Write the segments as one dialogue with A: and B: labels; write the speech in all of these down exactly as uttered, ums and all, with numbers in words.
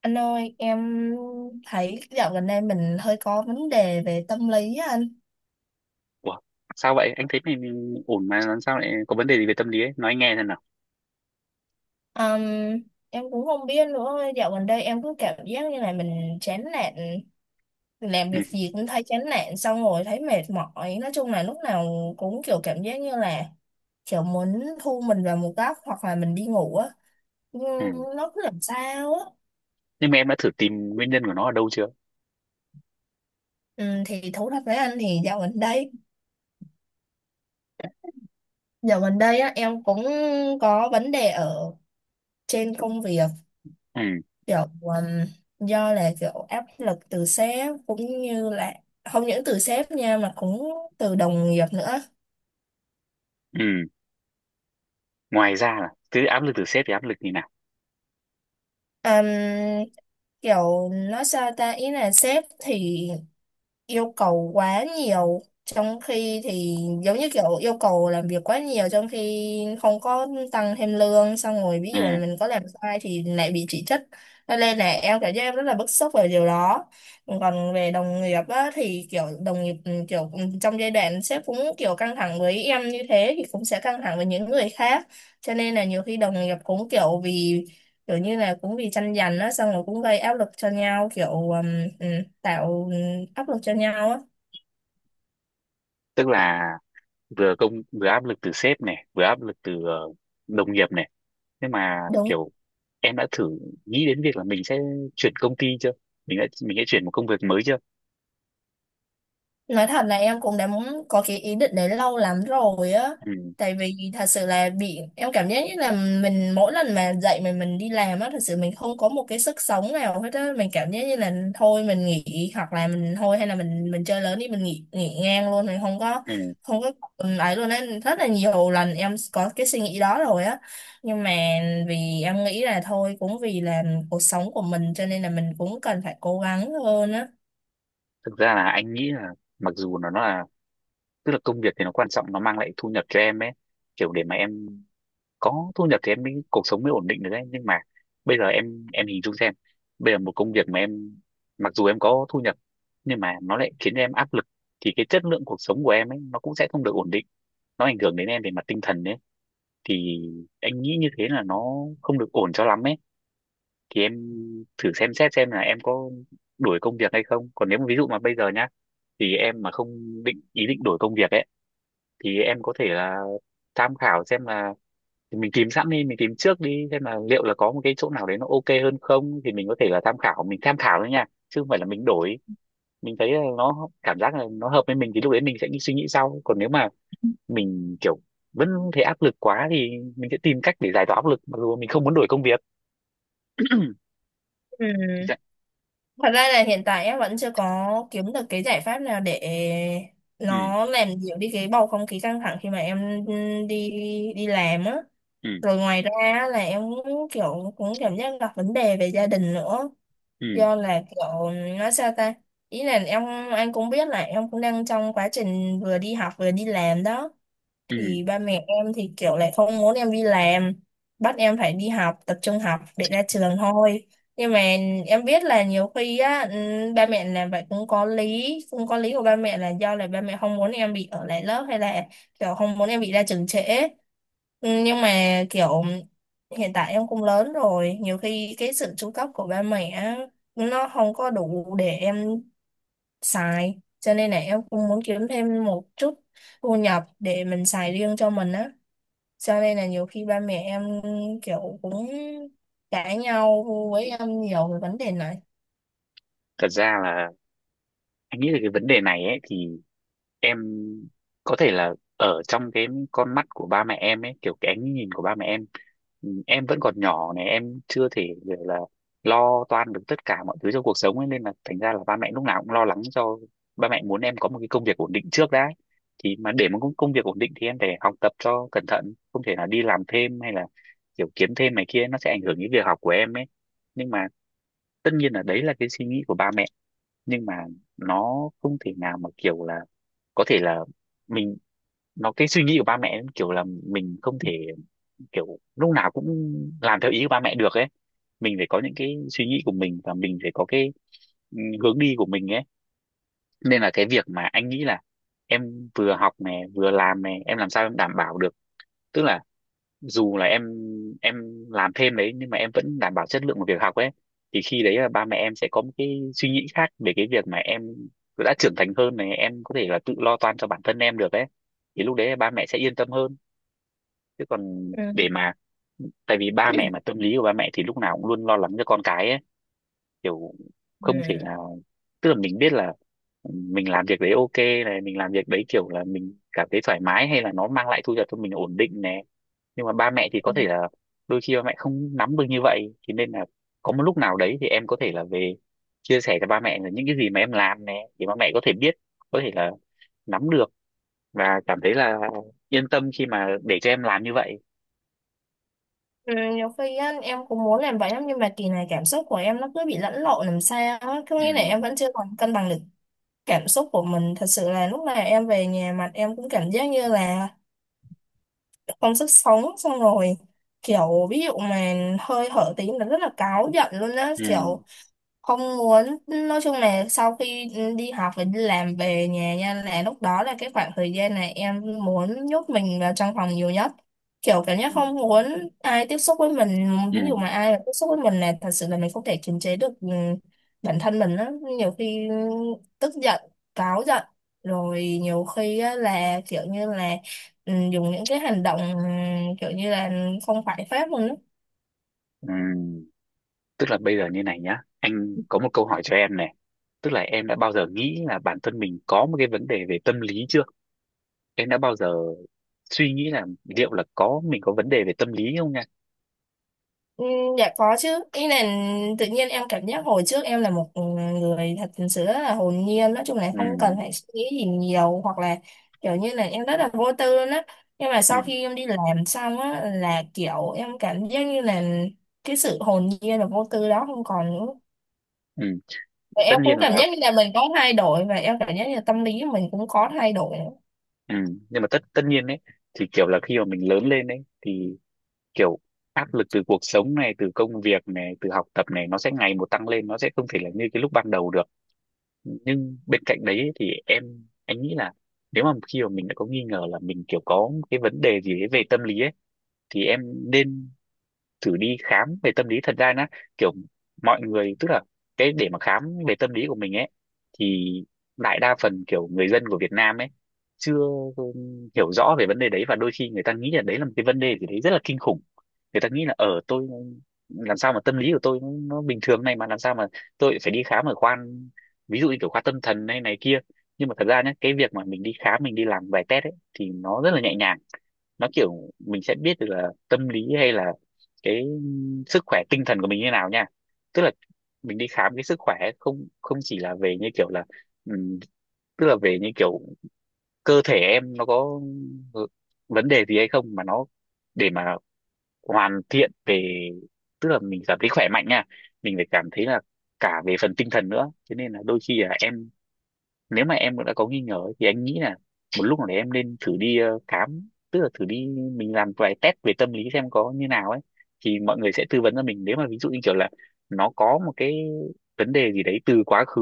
A: Anh ơi, em thấy dạo gần đây mình hơi có vấn đề về tâm lý á anh.
B: Ủa, sao vậy? Anh thấy mình ổn mà làm sao lại có vấn đề gì về tâm lý ấy? Nói anh nghe xem nào.
A: Ừm, em cũng không biết nữa, dạo gần đây em cứ cảm giác như là mình chán nản, làm
B: Ừ,
A: việc gì cũng thấy chán nản, xong rồi thấy mệt mỏi. Nói chung là lúc nào cũng kiểu cảm giác như là kiểu muốn thu mình vào một góc hoặc là mình đi ngủ á.
B: ừ.
A: Nhưng nó cứ làm sao á.
B: Nhưng mà em đã thử tìm nguyên nhân của nó ở đâu chưa?
A: Ừ, thì thú thật với anh thì dạo gần đây dạo gần đây á, em cũng có vấn đề ở trên công việc,
B: Ừ,
A: kiểu um, do là kiểu áp lực từ sếp cũng như là không những từ sếp nha mà cũng từ đồng nghiệp nữa.
B: ừ. Ngoài ra là cứ áp lực từ sếp thì áp lực như nào?
A: Ừm, Kiểu nói sao ta, ý là sếp thì yêu cầu quá nhiều, trong khi thì giống như kiểu yêu cầu làm việc quá nhiều trong khi không có tăng thêm lương, xong rồi ví
B: Ừ,
A: dụ là mình có làm sai thì lại bị chỉ trích, cho nên là em cảm giác em rất là bức xúc về điều đó. Còn về đồng nghiệp á, thì kiểu đồng nghiệp ừ, kiểu ừ, trong giai đoạn sếp cũng kiểu căng thẳng với em như thế thì cũng sẽ căng thẳng với những người khác, cho nên là nhiều khi đồng nghiệp cũng kiểu vì kiểu như là cũng vì tranh giành á, xong rồi cũng gây áp lực cho nhau, kiểu ừm, ừm, tạo áp lực cho nhau á.
B: tức là vừa công vừa áp lực từ sếp này, vừa áp lực từ ờ, đồng nghiệp này. Nhưng mà
A: Đúng.
B: kiểu em đã thử nghĩ đến việc là mình sẽ chuyển công ty chưa? Mình đã mình sẽ chuyển một công việc mới chưa?
A: Nói thật là em cũng đã muốn có cái ý định đấy lâu lắm rồi á.
B: Ừ,
A: Tại vì thật sự là bị em cảm giác như là mình mỗi lần mà dậy mình mình đi làm á, thật sự mình không có một cái sức sống nào hết á, mình cảm giác như là thôi mình nghỉ hoặc là mình thôi hay là mình mình chơi lớn đi, mình nghỉ nghỉ ngang luôn, mình không có
B: ừ.
A: không có ừ, ấy luôn á, rất là nhiều lần em có cái suy nghĩ đó rồi á. Nhưng mà vì em nghĩ là thôi cũng vì là cuộc sống của mình, cho nên là mình cũng cần phải cố gắng hơn á.
B: Thực ra là anh nghĩ là mặc dù nó là tức là công việc thì nó quan trọng, nó mang lại thu nhập cho em ấy, kiểu để mà em có thu nhập thì em mới cuộc sống mới ổn định được đấy. Nhưng mà bây giờ em em hình dung xem, bây giờ một công việc mà em mặc dù em có thu nhập nhưng mà nó lại khiến em áp lực thì cái chất lượng cuộc sống của em ấy nó cũng sẽ không được ổn định, nó ảnh hưởng đến em về mặt tinh thần đấy. Thì anh nghĩ như thế là nó không được ổn cho lắm ấy. Thì em thử xem xét xem là em có đổi công việc hay không, còn nếu mà ví dụ mà bây giờ nhá, thì em mà không định ý định đổi công việc ấy, thì em có thể là tham khảo xem là, thì mình tìm sẵn đi, mình tìm trước đi xem là liệu là có một cái chỗ nào đấy nó ok hơn không, thì mình có thể là tham khảo, mình tham khảo thôi nha chứ không phải là mình đổi. Mình thấy là nó cảm giác là nó hợp với mình thì lúc đấy mình sẽ đi suy nghĩ sau. Còn nếu mà mình kiểu vẫn thấy áp lực quá thì mình sẽ tìm cách để giải tỏa áp lực mặc dù mình không muốn đổi công việc.
A: Ừ.
B: Dạ.
A: Thật ra là hiện tại em vẫn chưa có kiếm được cái giải pháp nào để
B: Ừ,
A: nó làm dịu đi cái bầu không khí căng thẳng khi mà em đi đi làm á.
B: ừ,
A: Rồi ngoài ra á, là em cũng kiểu cũng cảm giác gặp vấn đề về gia đình nữa.
B: ừ,
A: Do là kiểu nói sao ta? Ý là em, anh cũng biết là em cũng đang trong quá trình vừa đi học vừa đi làm đó,
B: ừ.
A: thì ba mẹ em thì kiểu lại không muốn em đi làm, bắt em phải đi học tập trung học để ra trường thôi. Nhưng mà em biết là nhiều khi á ừm, ba mẹ làm vậy cũng có lý cũng có lý của ba mẹ là do là ba mẹ không muốn em bị ở lại lớp hay là kiểu không muốn em bị ra trường trễ. Ừm, nhưng mà kiểu hiện tại em cũng lớn rồi, nhiều khi cái sự chu cấp của ba mẹ á, nó không có đủ để em xài, cho nên là em cũng muốn kiếm thêm một chút thu nhập để mình xài riêng cho mình á, cho nên là nhiều khi ba mẹ em kiểu cũng cãi nhau với em nhiều về vấn đề này.
B: Thật ra là anh nghĩ là cái vấn đề này ấy thì em có thể là ở trong cái con mắt của ba mẹ em ấy, kiểu cái ánh nhìn của ba mẹ em, ừ, em vẫn còn nhỏ này, em chưa thể gọi là lo toan được tất cả mọi thứ trong cuộc sống ấy, nên là thành ra là ba mẹ lúc nào cũng lo lắng cho. Ba mẹ muốn em có một cái công việc ổn định trước đã. Thì mà để một công công việc ổn định thì em phải học tập cho cẩn thận, không thể là đi làm thêm hay là kiểu kiếm thêm này kia, nó sẽ ảnh hưởng đến việc học của em ấy. Nhưng mà tất nhiên là đấy là cái suy nghĩ của ba mẹ, nhưng mà nó không thể nào mà kiểu là có thể là mình, nó cái suy nghĩ của ba mẹ kiểu là mình không thể kiểu lúc nào cũng làm theo ý của ba mẹ được ấy. Mình phải có những cái suy nghĩ của mình và mình phải có cái ừ, hướng đi của mình ấy. Nên là cái việc mà anh nghĩ là em vừa học này vừa làm này, em làm sao em đảm bảo được, tức là dù là em em làm thêm đấy nhưng mà em vẫn đảm bảo chất lượng của việc học ấy, thì khi đấy là ba mẹ em sẽ có một cái suy nghĩ khác về cái việc mà em đã trưởng thành hơn này, em có thể là tự lo toan cho bản thân em được ấy, thì lúc đấy là ba mẹ sẽ yên tâm hơn. Chứ còn
A: Ừ.
B: để mà, tại vì ba mẹ mà tâm lý của ba mẹ thì lúc nào cũng luôn lo lắng cho con cái ấy, kiểu không thể
A: Ừ.
B: nào, tức là mình biết là ừ, mình làm việc đấy ok này, mình làm việc đấy kiểu là mình cảm thấy thoải mái hay là nó mang lại thu nhập cho mình ổn định này, nhưng mà ba mẹ thì có
A: Ừ.
B: thể là đôi khi ba mẹ không nắm được như vậy, thế nên là có một lúc nào đấy thì em có thể là về chia sẻ cho ba mẹ là những cái gì mà em làm này để ba mẹ có thể biết, có thể là nắm được và cảm thấy là yên tâm khi mà để cho em làm như vậy.
A: Ừ, nhiều khi á, em cũng muốn làm vậy lắm, nhưng mà kỳ này cảm xúc của em nó cứ bị lẫn lộn làm sao á, có
B: Ừ,
A: nghĩa là em vẫn chưa còn cân bằng được cảm xúc của mình. Thật sự là lúc nào em về nhà mặt em cũng cảm giác như là không sức sống, xong rồi kiểu ví dụ mà hơi hở tí là rất là cáu giận luôn á, kiểu
B: ừ,
A: không muốn, nói chung là sau khi đi học và đi làm về nhà nha, là lúc đó là cái khoảng thời gian này em muốn nhốt mình vào trong phòng nhiều nhất, kiểu cảm giác
B: ừ,
A: không muốn ai tiếp xúc với mình,
B: ừ,
A: ví dụ mà ai mà tiếp xúc với mình là thật sự là mình không thể kiềm chế được ừ, bản thân mình á, nhiều khi tức giận, cáu giận, rồi nhiều khi á, là kiểu như là ừ, dùng những cái hành động ừ, kiểu như là không phải phép luôn á.
B: ừ. Tức là bây giờ như này nhá, anh có một câu hỏi cho em này, tức là em đã bao giờ nghĩ là bản thân mình có một cái vấn đề về tâm lý chưa, em đã bao giờ suy nghĩ là liệu là có mình có vấn đề về tâm lý không nha.
A: Ừ, dạ có chứ, ý là tự nhiên em cảm giác hồi trước em là một người thật sự rất là hồn nhiên, nói chung là
B: Ừ,
A: không cần phải suy nghĩ gì nhiều hoặc là kiểu như là em rất là vô tư luôn á, nhưng mà sau
B: ừ,
A: khi em đi làm xong á, là kiểu em cảm giác như là cái sự hồn nhiên và vô tư đó không còn nữa,
B: ừ.
A: và
B: Tất
A: em
B: nhiên
A: cũng cảm
B: là,
A: giác như là mình có thay đổi và em cảm giác như là tâm lý mình cũng có thay đổi nữa.
B: ừ, nhưng mà tất tất nhiên đấy thì kiểu là khi mà mình lớn lên đấy thì kiểu áp lực từ cuộc sống này, từ công việc này, từ học tập này, nó sẽ ngày một tăng lên, nó sẽ không thể là như cái lúc ban đầu được. Nhưng bên cạnh đấy thì em, anh nghĩ là nếu mà khi mà mình đã có nghi ngờ là mình kiểu có cái vấn đề gì đấy về tâm lý ấy, thì em nên thử đi khám về tâm lý. Thật ra nó kiểu mọi người tức là cái để mà khám về tâm lý của mình ấy thì đại đa phần kiểu người dân của Việt Nam ấy chưa um, hiểu rõ về vấn đề đấy, và đôi khi người ta nghĩ là đấy là một cái vấn đề gì đấy rất là kinh khủng. Người ta nghĩ là ở tôi, làm sao mà tâm lý của tôi nó, nó bình thường này mà làm sao mà tôi phải đi khám ở khoa, ví dụ như kiểu khoa tâm thần hay này kia. Nhưng mà thật ra nhé, cái việc mà mình đi khám, mình đi làm vài test ấy thì nó rất là nhẹ nhàng. Nó kiểu mình sẽ biết được là tâm lý hay là cái sức khỏe tinh thần của mình như nào nha. Tức là mình đi khám cái sức khỏe ấy, không không chỉ là về như kiểu là ừm, tức là về như kiểu cơ thể em nó có ừ, vấn đề gì hay không, mà nó để mà hoàn thiện về, tức là mình cảm thấy khỏe mạnh nha, mình phải cảm thấy là cả về phần tinh thần nữa. Cho nên là đôi khi là em, nếu mà em đã có nghi ngờ ấy, thì anh nghĩ là một lúc nào đấy em nên thử đi ờ, khám, tức là thử đi mình làm vài test về tâm lý xem có như nào ấy. Thì mọi người sẽ tư vấn cho mình, nếu mà ví dụ như kiểu là nó có một cái vấn đề gì đấy từ quá khứ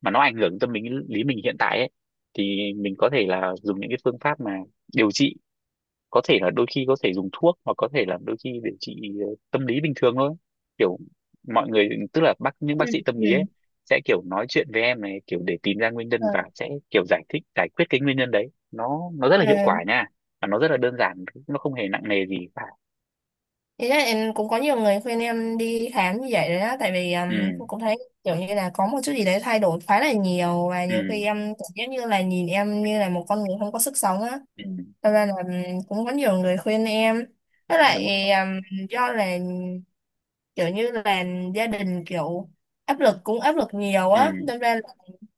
B: mà nó ảnh hưởng tâm lý lý mình hiện tại ấy, thì mình có thể là dùng những cái phương pháp mà điều trị, có thể là đôi khi có thể dùng thuốc, hoặc có thể là đôi khi để trị ờ, tâm lý bình thường thôi. Kiểu mọi người tức là bác những bác sĩ tâm lý ấy
A: Ừ.
B: sẽ kiểu nói chuyện với em này, kiểu để tìm ra nguyên nhân
A: Ờ.
B: và sẽ kiểu giải thích giải quyết cái nguyên nhân đấy, nó nó rất là hiệu
A: À,
B: quả nha, và nó rất là đơn giản, nó không hề nặng nề gì cả.
A: ý là em cũng có nhiều người khuyên em đi khám như vậy đấy á, tại vì um,
B: Ừ,
A: cũng cũng thấy kiểu như là có một chút gì đấy thay đổi khá là nhiều, và nhiều
B: ừ,
A: khi em cảm giác như là nhìn em như là một con người không có sức sống á.
B: ừ.
A: Thật ra là ừm, cũng có nhiều người khuyên em. Với
B: Đúng rồi.
A: lại ừm, do là kiểu như là gia đình kiểu áp lực, cũng áp lực nhiều
B: Ừ,
A: á, nên ra là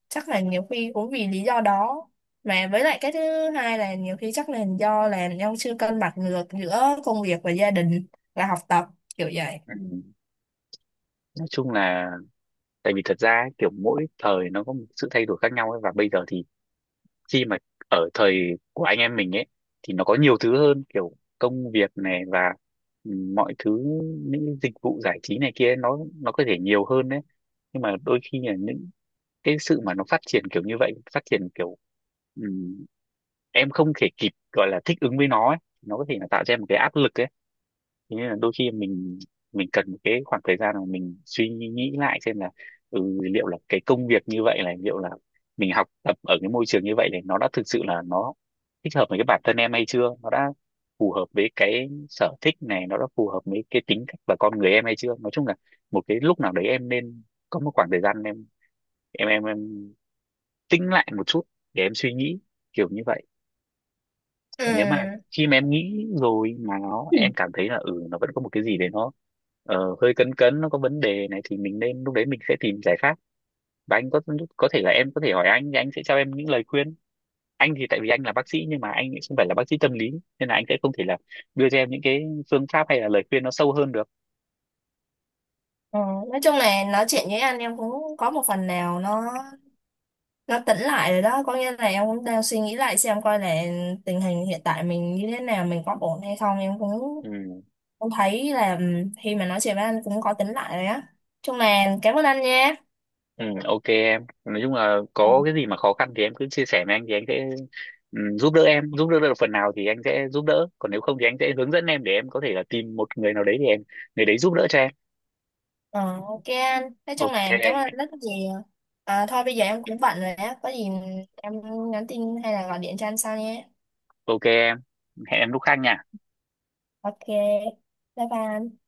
A: chắc là nhiều khi cũng vì lý do đó, mà với lại cái thứ hai là nhiều khi chắc là do là ông chưa cân bằng được giữa công việc và gia đình và học tập, kiểu vậy.
B: ừ. Nói chung là tại vì thật ra ấy, kiểu mỗi thời nó có một sự thay đổi khác nhau ấy, và bây giờ thì khi mà ở thời của anh em mình ấy thì nó có nhiều thứ hơn, kiểu công việc này và ừ, mọi thứ, những cái dịch vụ giải trí này kia nó nó có thể nhiều hơn đấy. Nhưng mà đôi khi là những cái sự mà nó phát triển kiểu như vậy, phát triển kiểu ừm, em không thể kịp gọi là thích ứng với nó ấy. Nó có thể là tạo ra một cái áp lực ấy. Thế nên là đôi khi mình mình cần một cái khoảng thời gian mà mình suy nghĩ lại xem là ừ, liệu là cái công việc như vậy là liệu là mình học tập ở cái môi trường như vậy thì nó đã thực sự là nó thích hợp với cái bản thân em hay chưa, nó đã phù hợp với cái sở thích này, nó đã phù hợp với cái tính cách và con người em hay chưa. Nói chung là một cái lúc nào đấy em nên có một khoảng thời gian em em em, em tĩnh lại một chút để em suy nghĩ kiểu như vậy.
A: Ừ.
B: Còn nếu mà khi mà em nghĩ rồi mà nó
A: Ừ.
B: em cảm thấy là ừ nó vẫn có một cái gì đấy nó ờ, hơi cấn cấn, nó có vấn đề này thì mình nên lúc đấy mình sẽ tìm giải pháp. Và anh có có thể là em có thể hỏi anh thì anh sẽ cho em những lời khuyên. Anh thì tại vì anh là bác sĩ nhưng mà anh lại không phải là bác sĩ tâm lý, nên là anh sẽ không thể là đưa cho em những cái phương pháp hay là lời khuyên nó sâu hơn được.
A: Ờ, nói chung là nói chuyện với anh em cũng có một phần nào nó nó tỉnh lại rồi đó, có nghĩa là em cũng đang suy nghĩ lại xem coi là tình hình hiện tại mình như thế nào, mình có ổn hay không, em cũng
B: Ừ.
A: cũng thấy là ừ, khi mà nói chuyện với anh cũng có tỉnh lại rồi á, chung là cảm ơn anh nha.
B: Ừ, ok em, nói chung là có cái gì mà khó khăn thì em cứ chia sẻ với anh thì anh sẽ ừ, giúp đỡ em, giúp đỡ được phần nào thì anh sẽ giúp đỡ, còn nếu không thì anh sẽ hướng dẫn em để em có thể là tìm một người nào đấy thì em, người đấy giúp đỡ cho em.
A: Ờ, ok anh. Nói chung
B: Ok.
A: là cảm ơn anh rất nhiều. À, thôi bây giờ em cũng bận rồi á. Có gì em nhắn tin hay là gọi điện cho anh sau nhé.
B: Ok em, hẹn em lúc khác nha.
A: Ok. Bye bye, anh.